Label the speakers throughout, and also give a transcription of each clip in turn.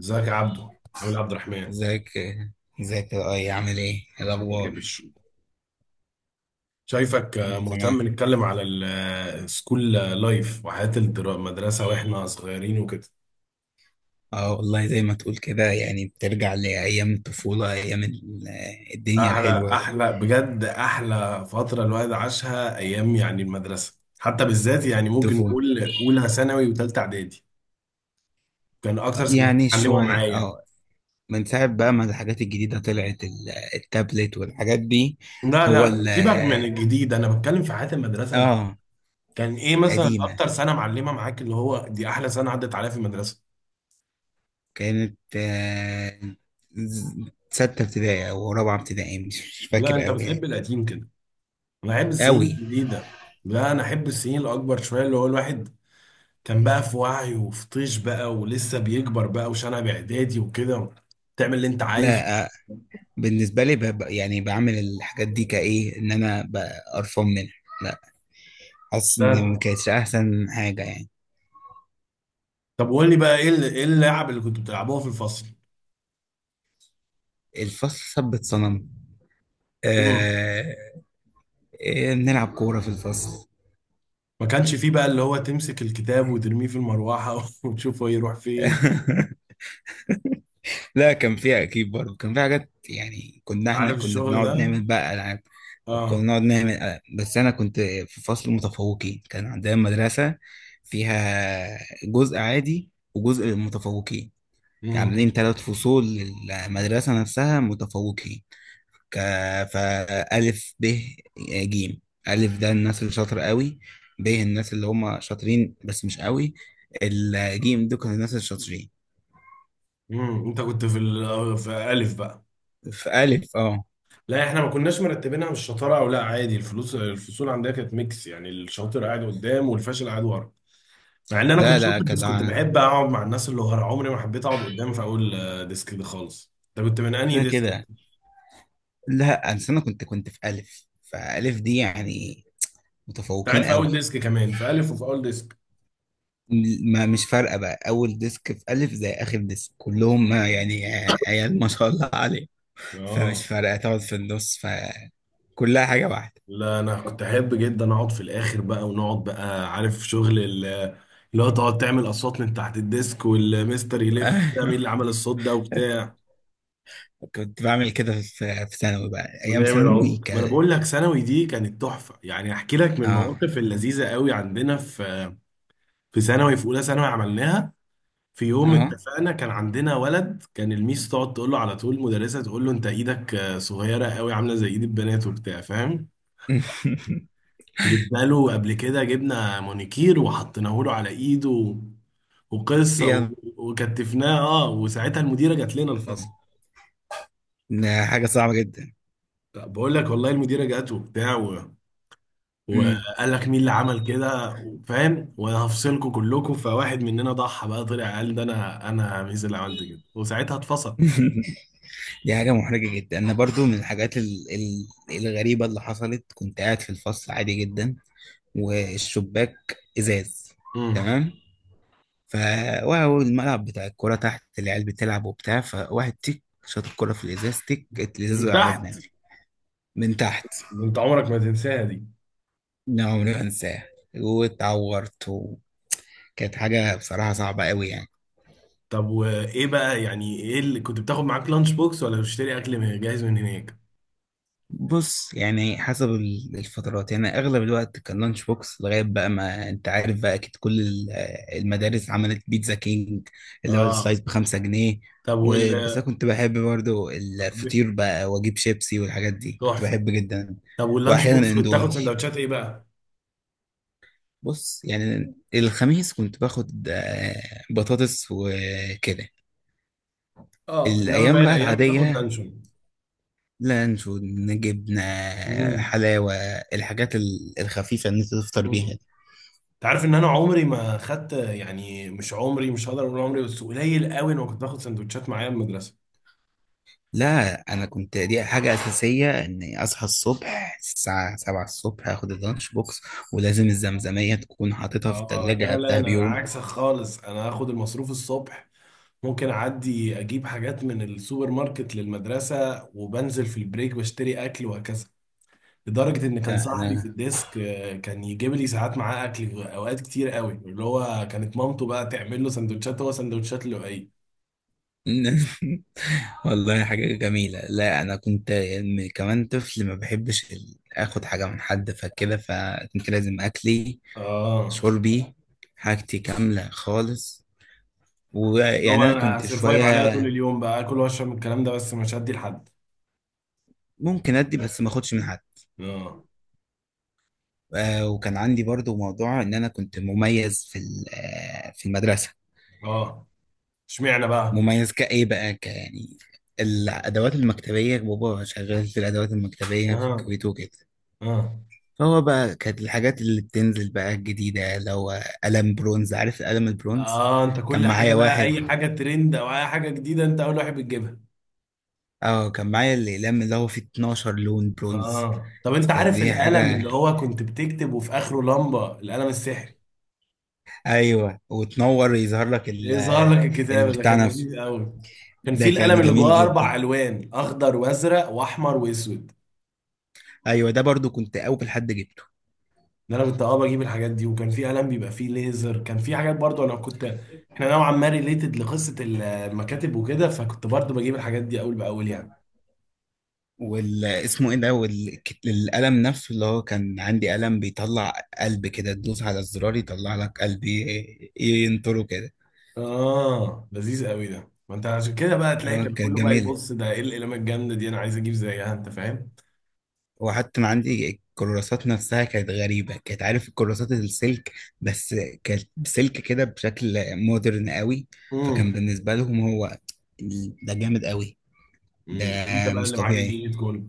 Speaker 1: ازيك يا عبدو؟ عامل إيه يا عبد الرحمن؟
Speaker 2: ازيك. ازيك، يا اي عامل ايه؟ إيه
Speaker 1: اخبارك ايه
Speaker 2: الاخبار؟
Speaker 1: شايفك
Speaker 2: كله تمام.
Speaker 1: مهتم نتكلم على السكول لايف وحياة المدرسة واحنا صغيرين وكده.
Speaker 2: اه، والله زي ما تقول كده، يعني بترجع لايام الطفوله، ايام الدنيا
Speaker 1: احلى
Speaker 2: الحلوه.
Speaker 1: احلى بجد، احلى فترة الواحد عاشها ايام يعني المدرسة، حتى بالذات يعني ممكن
Speaker 2: الطفوله.
Speaker 1: نقول اولى ثانوي وثالثة اعدادي. كان اكتر سنة
Speaker 2: يعني
Speaker 1: اتعلموا
Speaker 2: شويه،
Speaker 1: معايا.
Speaker 2: اه. من ساعه بقى ما الحاجات الجديده طلعت، التابلت والحاجات دي.
Speaker 1: لا
Speaker 2: هو ال
Speaker 1: لا، سيبك من الجديد، انا بتكلم في حياة المدرسة انا.
Speaker 2: اه،
Speaker 1: كان ايه مثلا
Speaker 2: قديمه.
Speaker 1: اكتر سنة معلمة معاك اللي هو دي احلى سنة عدت عليها في المدرسة؟
Speaker 2: كانت، ز- سته ابتدائي او رابعه ابتدائي، مش
Speaker 1: لا،
Speaker 2: فاكر
Speaker 1: انت
Speaker 2: قوي
Speaker 1: بتحب
Speaker 2: يعني.
Speaker 1: القديم كده، انا احب السنين
Speaker 2: قوي.
Speaker 1: الجديده. لا، انا احب السنين الاكبر شويه، اللي هو الواحد كان بقى في وعي وفي طيش بقى ولسه بيكبر بقى وشنب اعدادي وكده، تعمل اللي انت عايزه.
Speaker 2: لا، بالنسبة لي يعني بعمل الحاجات دي كإيه إن أنا قرفان منها. لا، حاسس إن ما
Speaker 1: لازم.
Speaker 2: كانتش أحسن حاجة يعني.
Speaker 1: طب قول لي بقى ايه اللعب اللي كنتوا بتلعبوها في الفصل؟
Speaker 2: الفصل ثبت صنم.
Speaker 1: امم.
Speaker 2: آه... بنلعب كورة في الفصل.
Speaker 1: ما كانش فيه بقى اللي هو تمسك الكتاب وترميه في المروحه وتشوفه يروح فين؟
Speaker 2: لا، كان فيها أكيد برضه، كان فيها حاجات يعني. إحنا
Speaker 1: عارف
Speaker 2: كنا
Speaker 1: الشغل
Speaker 2: بنقعد
Speaker 1: ده.
Speaker 2: نعمل بقى ألعاب. كنا
Speaker 1: اه.
Speaker 2: نقعد نعمل، بس أنا كنت في فصل متفوقين. كان عندنا مدرسة فيها جزء عادي وجزء متفوقين، عاملين
Speaker 1: امم.
Speaker 2: 3 فصول للمدرسة نفسها متفوقين. ك... فألف، ب، ج. ألف ده الناس اللي شاطر قوي، ب الناس اللي هم شاطرين بس مش قوي، الجيم دول كانوا الناس الشاطرين.
Speaker 1: امم، انت كنت في في الالف بقى؟
Speaker 2: في ألف، اه.
Speaker 1: لا، احنا ما كناش مرتبينها مش شطاره او لا، عادي الفلوس، الفصول عندنا كانت ميكس، يعني الشاطر قاعد قدام والفاشل قاعد ورا. مع ان انا
Speaker 2: لا
Speaker 1: كنت
Speaker 2: لا،
Speaker 1: شاطر بس
Speaker 2: كان
Speaker 1: كنت بحب اقعد مع الناس اللي ورا، عمري ما حبيت اقعد قدام في اول ديسك ده خالص. انت كنت من انهي
Speaker 2: كده
Speaker 1: ديسك انت؟
Speaker 2: كده.
Speaker 1: كنت
Speaker 2: لا، أصل أنا كنت في ألف، فألف دي يعني
Speaker 1: قاعد
Speaker 2: متفوقين
Speaker 1: في اول
Speaker 2: قوي.
Speaker 1: ديسك كمان في الف وفي اول ديسك.
Speaker 2: ما مش فارقة بقى، أول ديسك في ألف زي آخر ديسك، كلهم يعني عيال ما شاء الله. فمش
Speaker 1: اه.
Speaker 2: فارقة تقعد في النص، فكلها حاجة واحدة.
Speaker 1: لا، انا كنت احب جدا اقعد في الاخر بقى، ونقعد بقى عارف شغل اللي هو تقعد تعمل اصوات من تحت الديسك والمستر يلف ده مين
Speaker 2: ايوه،
Speaker 1: اللي عمل الصوت ده وبتاع.
Speaker 2: كنت بعمل كده في ثانوي بقى، أيام
Speaker 1: ونعم
Speaker 2: ثانوي.
Speaker 1: العمر، ما انا بقول لك ثانوي دي كانت تحفه. يعني احكي لك من
Speaker 2: اه.
Speaker 1: المواقف اللذيذه قوي عندنا في في ثانوي، في اولى ثانوي عملناها. في يوم
Speaker 2: اه.
Speaker 1: اتفقنا، كان عندنا ولد كان الميس تقعد تقول له على طول المدرسه، تقول له انت ايدك صغيره قوي عامله زي ايد البنات وبتاع فاهم. جبنا له قبل كده، جبنا مونيكير وحطيناه له على ايده وقصه
Speaker 2: يا
Speaker 1: وكتفناه اه. وساعتها المديره جات لنا الفصل.
Speaker 2: ده حاجة صعبة جدا.
Speaker 1: بقول لك والله المديره جات وبتاع.
Speaker 2: أمم.
Speaker 1: وقال لك مين اللي عمل كده فاهم، وانا هفصلكم كلكم. فواحد مننا ضحى بقى، طلع قال ده انا ميز اللي عملت كده، وساعتها اتفصل.
Speaker 2: دي حاجة محرجة جدا. أنا برضو من الحاجات الغريبة اللي حصلت، كنت قاعد في الفصل عادي جدا، والشباك إزاز،
Speaker 1: امم.
Speaker 2: تمام. ف وهو الملعب بتاع الكورة تحت، العيال بتلعب وبتاع، فواحد تيك شاط الكورة في الإزاز، تيك، الإزاز
Speaker 1: من
Speaker 2: وقع على
Speaker 1: تحت.
Speaker 2: دماغي. من تحت.
Speaker 1: انت عمرك ما تنساها دي.
Speaker 2: لا، عمري ما انساها. واتعورت، وكانت حاجة بصراحة صعبة قوي يعني.
Speaker 1: طب وايه بقى، يعني ايه اللي كنت بتاخد معاك؟ لانش بوكس ولا بتشتري اكل من جاهز من هناك؟
Speaker 2: بص، يعني حسب الفترات، يعني اغلب الوقت كان لانش بوكس، لغاية بقى ما انت عارف بقى، اكيد كل المدارس عملت بيتزا كينج، اللي هو
Speaker 1: اه.
Speaker 2: السلايس ب5 جنيه.
Speaker 1: طب وال.
Speaker 2: بس انا كنت بحب برضو الفطير
Speaker 1: ب-
Speaker 2: بقى، واجيب شيبسي والحاجات دي، كنت
Speaker 1: تحفه.
Speaker 2: بحب جدا.
Speaker 1: طب واللانش بوكس
Speaker 2: واحيانا
Speaker 1: كنت
Speaker 2: اندومي.
Speaker 1: تاخد سندوتشات ايه بقى؟
Speaker 2: بص، يعني الخميس كنت باخد، بطاطس وكده.
Speaker 1: اه، انما باقي
Speaker 2: الايام بقى
Speaker 1: الايام بتاخد
Speaker 2: العاديه:
Speaker 1: لانشون.
Speaker 2: لانشو، جبنة، حلاوة، الحاجات الخفيفة اللي انت تفطر بيها
Speaker 1: امم.
Speaker 2: دي.
Speaker 1: تعرف ان انا عمري ما خدت، يعني مش عمري، مش هقدر اقول عمري، بس قليل قوي انا كنت باخد سندوتشات معايا من المدرسه.
Speaker 2: لا، انا كنت دي حاجة اساسية، اني اصحى الصبح الساعة 7 الصبح، اخد اللانش بوكس، ولازم الزمزمية تكون حاططها في
Speaker 1: اه.
Speaker 2: التلاجة
Speaker 1: لا لا،
Speaker 2: قبلها
Speaker 1: انا
Speaker 2: بيوم.
Speaker 1: عكسك خالص. انا اخد المصروف الصبح، ممكن اعدي اجيب حاجات من السوبر ماركت للمدرسه وبنزل في البريك بشتري اكل وهكذا. لدرجه ان كان
Speaker 2: لا
Speaker 1: صاحبي في
Speaker 2: انا.
Speaker 1: الديسك كان يجيب لي ساعات معاه اكل، اوقات كتير قوي، اللي هو كانت مامته بقى تعمل له سندوتشات، هو سندوتشات لؤي.
Speaker 2: والله حاجة جميلة. لا، أنا كنت، كمان طفل، ما بحبش آخد حاجة من حد، فكده فكنت لازم أكلي،
Speaker 1: اه.
Speaker 2: شربي، حاجتي كاملة خالص.
Speaker 1: اللي
Speaker 2: ويعني
Speaker 1: هو
Speaker 2: انا
Speaker 1: انا
Speaker 2: كنت
Speaker 1: هسرفايف عليها طول
Speaker 2: شويه
Speaker 1: اليوم بقى، اكل واشرب من الكلام ده بس مش هدي لحد.
Speaker 2: ممكن ادي، بس ما اخدش من حد.
Speaker 1: اه.
Speaker 2: وكان عندي برضو موضوع ان انا كنت مميز في في المدرسه.
Speaker 1: اه. اشمعنى بقى؟
Speaker 2: مميز كايه بقى، يعني الادوات المكتبيه، بابا شغال في الادوات المكتبيه في
Speaker 1: اه.
Speaker 2: الكويت وكده.
Speaker 1: اه.
Speaker 2: فهو بقى كانت الحاجات اللي بتنزل بقى الجديده، لو قلم برونز، عارف القلم البرونز؟
Speaker 1: اه، انت كل
Speaker 2: كان
Speaker 1: حاجه
Speaker 2: معايا
Speaker 1: بقى،
Speaker 2: واحد.
Speaker 1: اي حاجه ترند او اي حاجه جديده انت اول واحد بتجيبها.
Speaker 2: اه، كان معايا الاقلام اللي هو فيه 12 لون برونز،
Speaker 1: اه، طب انت عارف
Speaker 2: فدي
Speaker 1: القلم
Speaker 2: حاجه.
Speaker 1: اللي هو كنت بتكتب وفي اخره لمبه، القلم السحري؟
Speaker 2: ايوه، وتنور يظهر لك
Speaker 1: ايه، ظهر لك الكتاب؟ ده
Speaker 2: البتاع
Speaker 1: كان
Speaker 2: نفسه.
Speaker 1: لذيذ قوي. كان في
Speaker 2: ده
Speaker 1: القلم
Speaker 2: كان
Speaker 1: اللي
Speaker 2: جميل
Speaker 1: جواه
Speaker 2: جدا.
Speaker 1: اربع الوان، اخضر وازرق واحمر واسود.
Speaker 2: ايوه، ده برضو كنت اول حد جبته.
Speaker 1: ده انا كنت اه بجيب الحاجات دي. وكان في قلم بيبقى فيه ليزر، كان في حاجات برضو انا كنت، احنا نوعا ما ريليتد لقصه المكاتب وكده، فكنت برضو بجيب الحاجات دي اول باول يعني.
Speaker 2: وال اسمه ايه ده والك- القلم نفسه اللي هو كان عندي، قلم بيطلع قلب كده، تدوس على الزرار يطلع لك قلب، ينطره كده.
Speaker 1: اه، لذيذ قوي ده. ما انت عشان كده بقى تلاقي
Speaker 2: اه،
Speaker 1: كان
Speaker 2: كانت
Speaker 1: كله بقى
Speaker 2: جميلة.
Speaker 1: يبص ده ايه القلمه الجامده دي، انا عايز اجيب زيها، انت فاهم.
Speaker 2: وحتى ما عندي الكراسات نفسها كانت غريبة، كانت عارف الكراسات السلك، بس كانت سلك كده بشكل مودرن قوي. فكان
Speaker 1: امم.
Speaker 2: بالنسبة لهم هو ده جامد قوي. ده
Speaker 1: امم، انت بقى
Speaker 2: مش
Speaker 1: اللي معاك
Speaker 2: طبيعي،
Speaker 1: الجيد كله.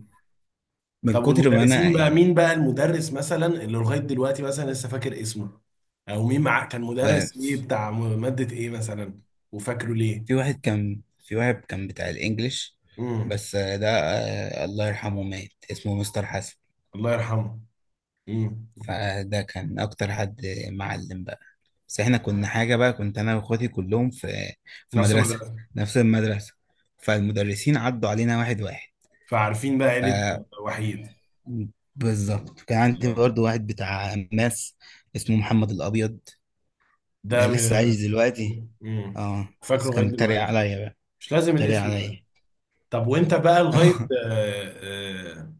Speaker 2: من
Speaker 1: طب
Speaker 2: كتر ما انا
Speaker 1: والمدرسين بقى، مين
Speaker 2: يعني.
Speaker 1: بقى المدرس مثلا اللي لغايه دلوقتي مثلا لسه فاكر اسمه؟ او مين معاك كان
Speaker 2: و-
Speaker 1: مدرس ايه، بتاع ماده ايه مثلا؟ وفاكره ليه؟
Speaker 2: في واحد كان بتاع الانجليش،
Speaker 1: امم.
Speaker 2: بس ده، الله يرحمه، مات. اسمه مستر حسن.
Speaker 1: الله يرحمه. امم.
Speaker 2: فده كان اكتر حد معلم بقى. بس احنا كنا حاجة بقى، كنت انا واخواتي كلهم في، في
Speaker 1: نفس
Speaker 2: مدرسة،
Speaker 1: المدرسه.
Speaker 2: نفس المدرسة، فالمدرسين عدوا علينا واحد واحد.
Speaker 1: فعارفين بقى
Speaker 2: ف
Speaker 1: عيله. وحيد.
Speaker 2: بالظبط، كان عندي
Speaker 1: اه.
Speaker 2: برضو واحد بتاع ماس، اسمه محمد الابيض. ده لسه عايش دلوقتي،
Speaker 1: امم.
Speaker 2: اه.
Speaker 1: فاكره
Speaker 2: بس
Speaker 1: لغايه
Speaker 2: كان بيتريق
Speaker 1: دلوقتي.
Speaker 2: عليا بقى،
Speaker 1: مش لازم
Speaker 2: بيتريق
Speaker 1: الاسم.
Speaker 2: عليا.
Speaker 1: طب وانت بقى لغايه آه، آه،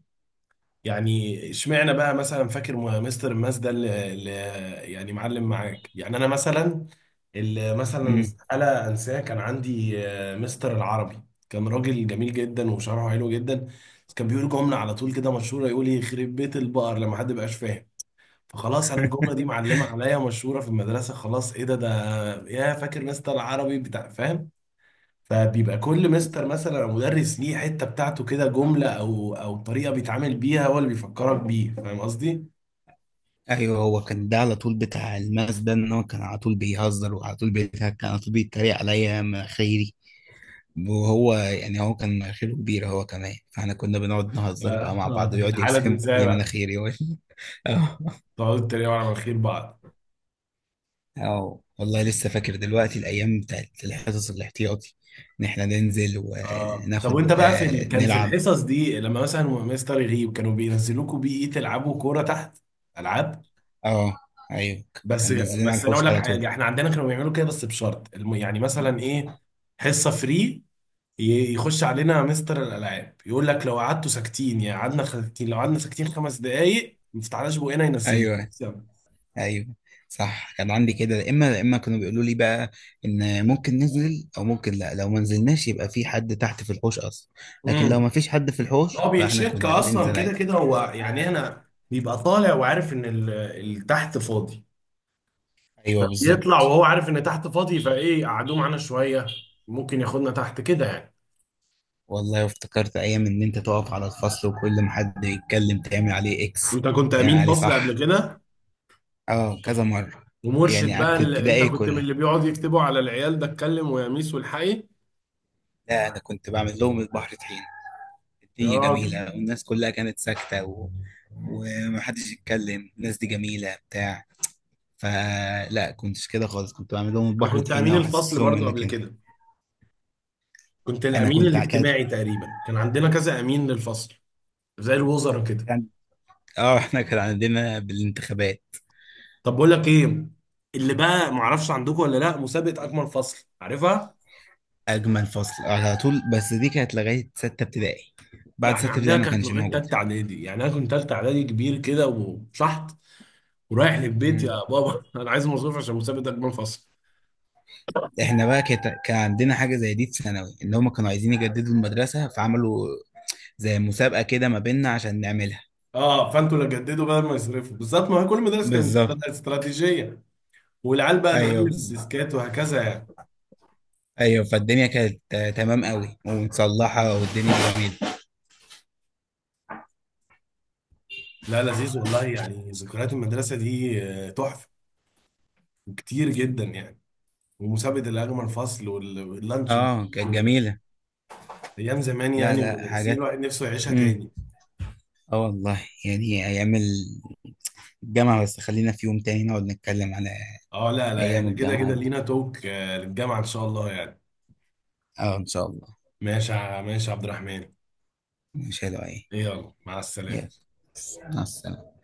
Speaker 1: يعني اشمعنى بقى مثلا فاكر مستر الماس ده اللي يعني معلم معاك؟ يعني انا مثلا اللي مثلا
Speaker 2: امم.
Speaker 1: استحاله انساه كان عندي مستر العربي. كان راجل جميل جدا وشرحه حلو جدا، بس كان بيقول جمله على طول كده مشهوره، يقول يخرب بيت البقر لما حد بقاش فاهم. فخلاص انا الجمله دي معلمه عليا، مشهوره في المدرسه. خلاص، ايه ده، يا فاكر مستر العربي، بتاع فاهم. فبيبقى كل مستر مثلا او مدرس ليه حته بتاعته كده، جمله او او طريقه بيتعامل بيها هو اللي بيفكرك بيه، فاهم قصدي؟
Speaker 2: ايوه، هو كان ده على طول بتاع الماس ده، ان هو كان على طول بيهزر وعلى طول بيضحك، كان على طول بيتريق عليا مناخيري. وهو يعني هو كان مناخيره كبيرة هو كمان، فاحنا كنا بنقعد نهزر بقى مع بعض،
Speaker 1: في
Speaker 2: ويقعد
Speaker 1: الحاله دي
Speaker 2: يرسم
Speaker 1: ازاي
Speaker 2: لي
Speaker 1: بقى
Speaker 2: مناخيري اه.
Speaker 1: تقعدوا تتريقوا على مناخير بعض؟
Speaker 2: آه. والله لسه فاكر دلوقتي الايام بتاعت الحصص الاحتياطي، ان احنا ننزل
Speaker 1: اه، طب وانت
Speaker 2: وناخد،
Speaker 1: بقى في كان في
Speaker 2: نلعب.
Speaker 1: الحصص دي لما مثلا مستر يغيب كانوا بينزلوكوا بيه ايه، تلعبوا كوره تحت؟ العاب؟
Speaker 2: اه، ايوه.
Speaker 1: بس
Speaker 2: كان نزلنا على
Speaker 1: بس انا اقول
Speaker 2: الحوش
Speaker 1: لك
Speaker 2: على طول.
Speaker 1: حاجه، احنا عندنا كانوا بيعملوا كده بس بشرط يعني مثلا ايه، حصه فري، يخش علينا مستر الالعاب يقول لك لو قعدتوا ساكتين، يعني قعدنا ساكتين، لو قعدنا ساكتين 5 دقايق ما فتحناش بقنا، ينزلنا.
Speaker 2: ايوه. ايوه، صح. كان عندي كده، يا اما يا اما كانوا بيقولوا لي بقى ان ممكن ننزل او ممكن لا، لو ما نزلناش يبقى في حد تحت في الحوش اصلا. لكن لو ما
Speaker 1: امم.
Speaker 2: فيش حد في الحوش،
Speaker 1: هو
Speaker 2: فاحنا
Speaker 1: بيتشك
Speaker 2: كنا
Speaker 1: اصلا
Speaker 2: بننزل
Speaker 1: كده
Speaker 2: عادي.
Speaker 1: كده هو، يعني هنا بيبقى طالع وعارف ان اللي تحت فاضي.
Speaker 2: ايوه
Speaker 1: فبيطلع
Speaker 2: بالظبط.
Speaker 1: وهو عارف ان تحت فاضي، فايه قعدوه معانا شويه، ممكن ياخدنا تحت كده يعني.
Speaker 2: والله افتكرت ايام ان انت تقف على الفصل، وكل ما حد يتكلم تعمل عليه اكس.
Speaker 1: انت كنت
Speaker 2: تعمل
Speaker 1: امين
Speaker 2: عليه،
Speaker 1: فصل قبل
Speaker 2: صح.
Speaker 1: كده؟
Speaker 2: اه، كذا مره. يعني
Speaker 1: ومرشد بقى،
Speaker 2: قعدت
Speaker 1: اللي انت
Speaker 2: ابتدائي
Speaker 1: كنت من
Speaker 2: كلها.
Speaker 1: اللي بيقعد يكتبوا على العيال ده اتكلم ويا ميس والحقي؟
Speaker 2: لا، انا كنت بعمل لهم البحر طحين،
Speaker 1: يا
Speaker 2: الدنيا
Speaker 1: راجل،
Speaker 2: جميله والناس كلها كانت ساكته و... ومحدش يتكلم، الناس دي جميله بتاع. فلا كنتش كده خالص، كنت بعمل لهم
Speaker 1: انا
Speaker 2: البحر
Speaker 1: كنت
Speaker 2: طحينه،
Speaker 1: امين
Speaker 2: واحسس
Speaker 1: الفصل
Speaker 2: لهم
Speaker 1: برضو
Speaker 2: انك
Speaker 1: قبل
Speaker 2: انت،
Speaker 1: كده، كنت
Speaker 2: انا
Speaker 1: الامين
Speaker 2: كانت.
Speaker 1: الاجتماعي تقريبا، كان عندنا كذا امين للفصل، زي الوزراء كده.
Speaker 2: كان اه. احنا كان عندنا بالانتخابات،
Speaker 1: طب بقول لك ايه، اللي بقى معرفش عندكم ولا لا، مسابقه اجمل فصل، عارفها؟
Speaker 2: اجمل فصل على طول، بس دي كانت لغايه سته ابتدائي.
Speaker 1: ده
Speaker 2: بعد سته
Speaker 1: احنا عندنا
Speaker 2: ابتدائي ما
Speaker 1: كانت
Speaker 2: كانش
Speaker 1: لغايه
Speaker 2: موجود.
Speaker 1: تالته اعدادي، يعني انا كنت تالته اعدادي كبير كده وشحط ورايح للبيت يا
Speaker 2: مم.
Speaker 1: بابا انا عايز مصروف عشان مسابقه اجمل فصل.
Speaker 2: احنا بقى كان عندنا حاجه زي دي في ثانوي، ان هم كانوا عايزين يجددوا المدرسه، فعملوا زي مسابقه كده ما بيننا عشان نعملها.
Speaker 1: اه، فانتوا اللي جددوا بدل ما يصرفوا، بالظبط، ما هي كل مدرسه كانت
Speaker 2: بالظبط.
Speaker 1: استراتيجيه، والعيال بقى
Speaker 2: ايوه
Speaker 1: تغلف
Speaker 2: بالظبط.
Speaker 1: الديسكات وهكذا يعني.
Speaker 2: ايوه، فالدنيا كانت، تمام قوي ومتصلحه والدنيا جميله.
Speaker 1: لا، لذيذ والله، يعني ذكريات المدرسه دي تحفه، كتير جدا يعني. ومسابقة الأجمل فصل واللانش
Speaker 2: اه، كانت جميله.
Speaker 1: أيام زمان
Speaker 2: لا
Speaker 1: يعني،
Speaker 2: لا،
Speaker 1: المدرسين،
Speaker 2: حاجات.
Speaker 1: الواحد نفسه يعيشها
Speaker 2: امم.
Speaker 1: تاني.
Speaker 2: اه، والله يعني ايام الجامعه، بس خلينا في يوم تاني نقعد نتكلم على
Speaker 1: اه، لا لا،
Speaker 2: ايام
Speaker 1: احنا كده
Speaker 2: الجامعه
Speaker 1: كده
Speaker 2: دي.
Speaker 1: لينا توك للجامعة إن شاء الله يعني.
Speaker 2: اه ان شاء الله.
Speaker 1: ماشي ماشي يا عبد الرحمن.
Speaker 2: مش حلوه، ايه.
Speaker 1: إيه، يلا مع
Speaker 2: يلا
Speaker 1: السلامة.
Speaker 2: مع السلامه.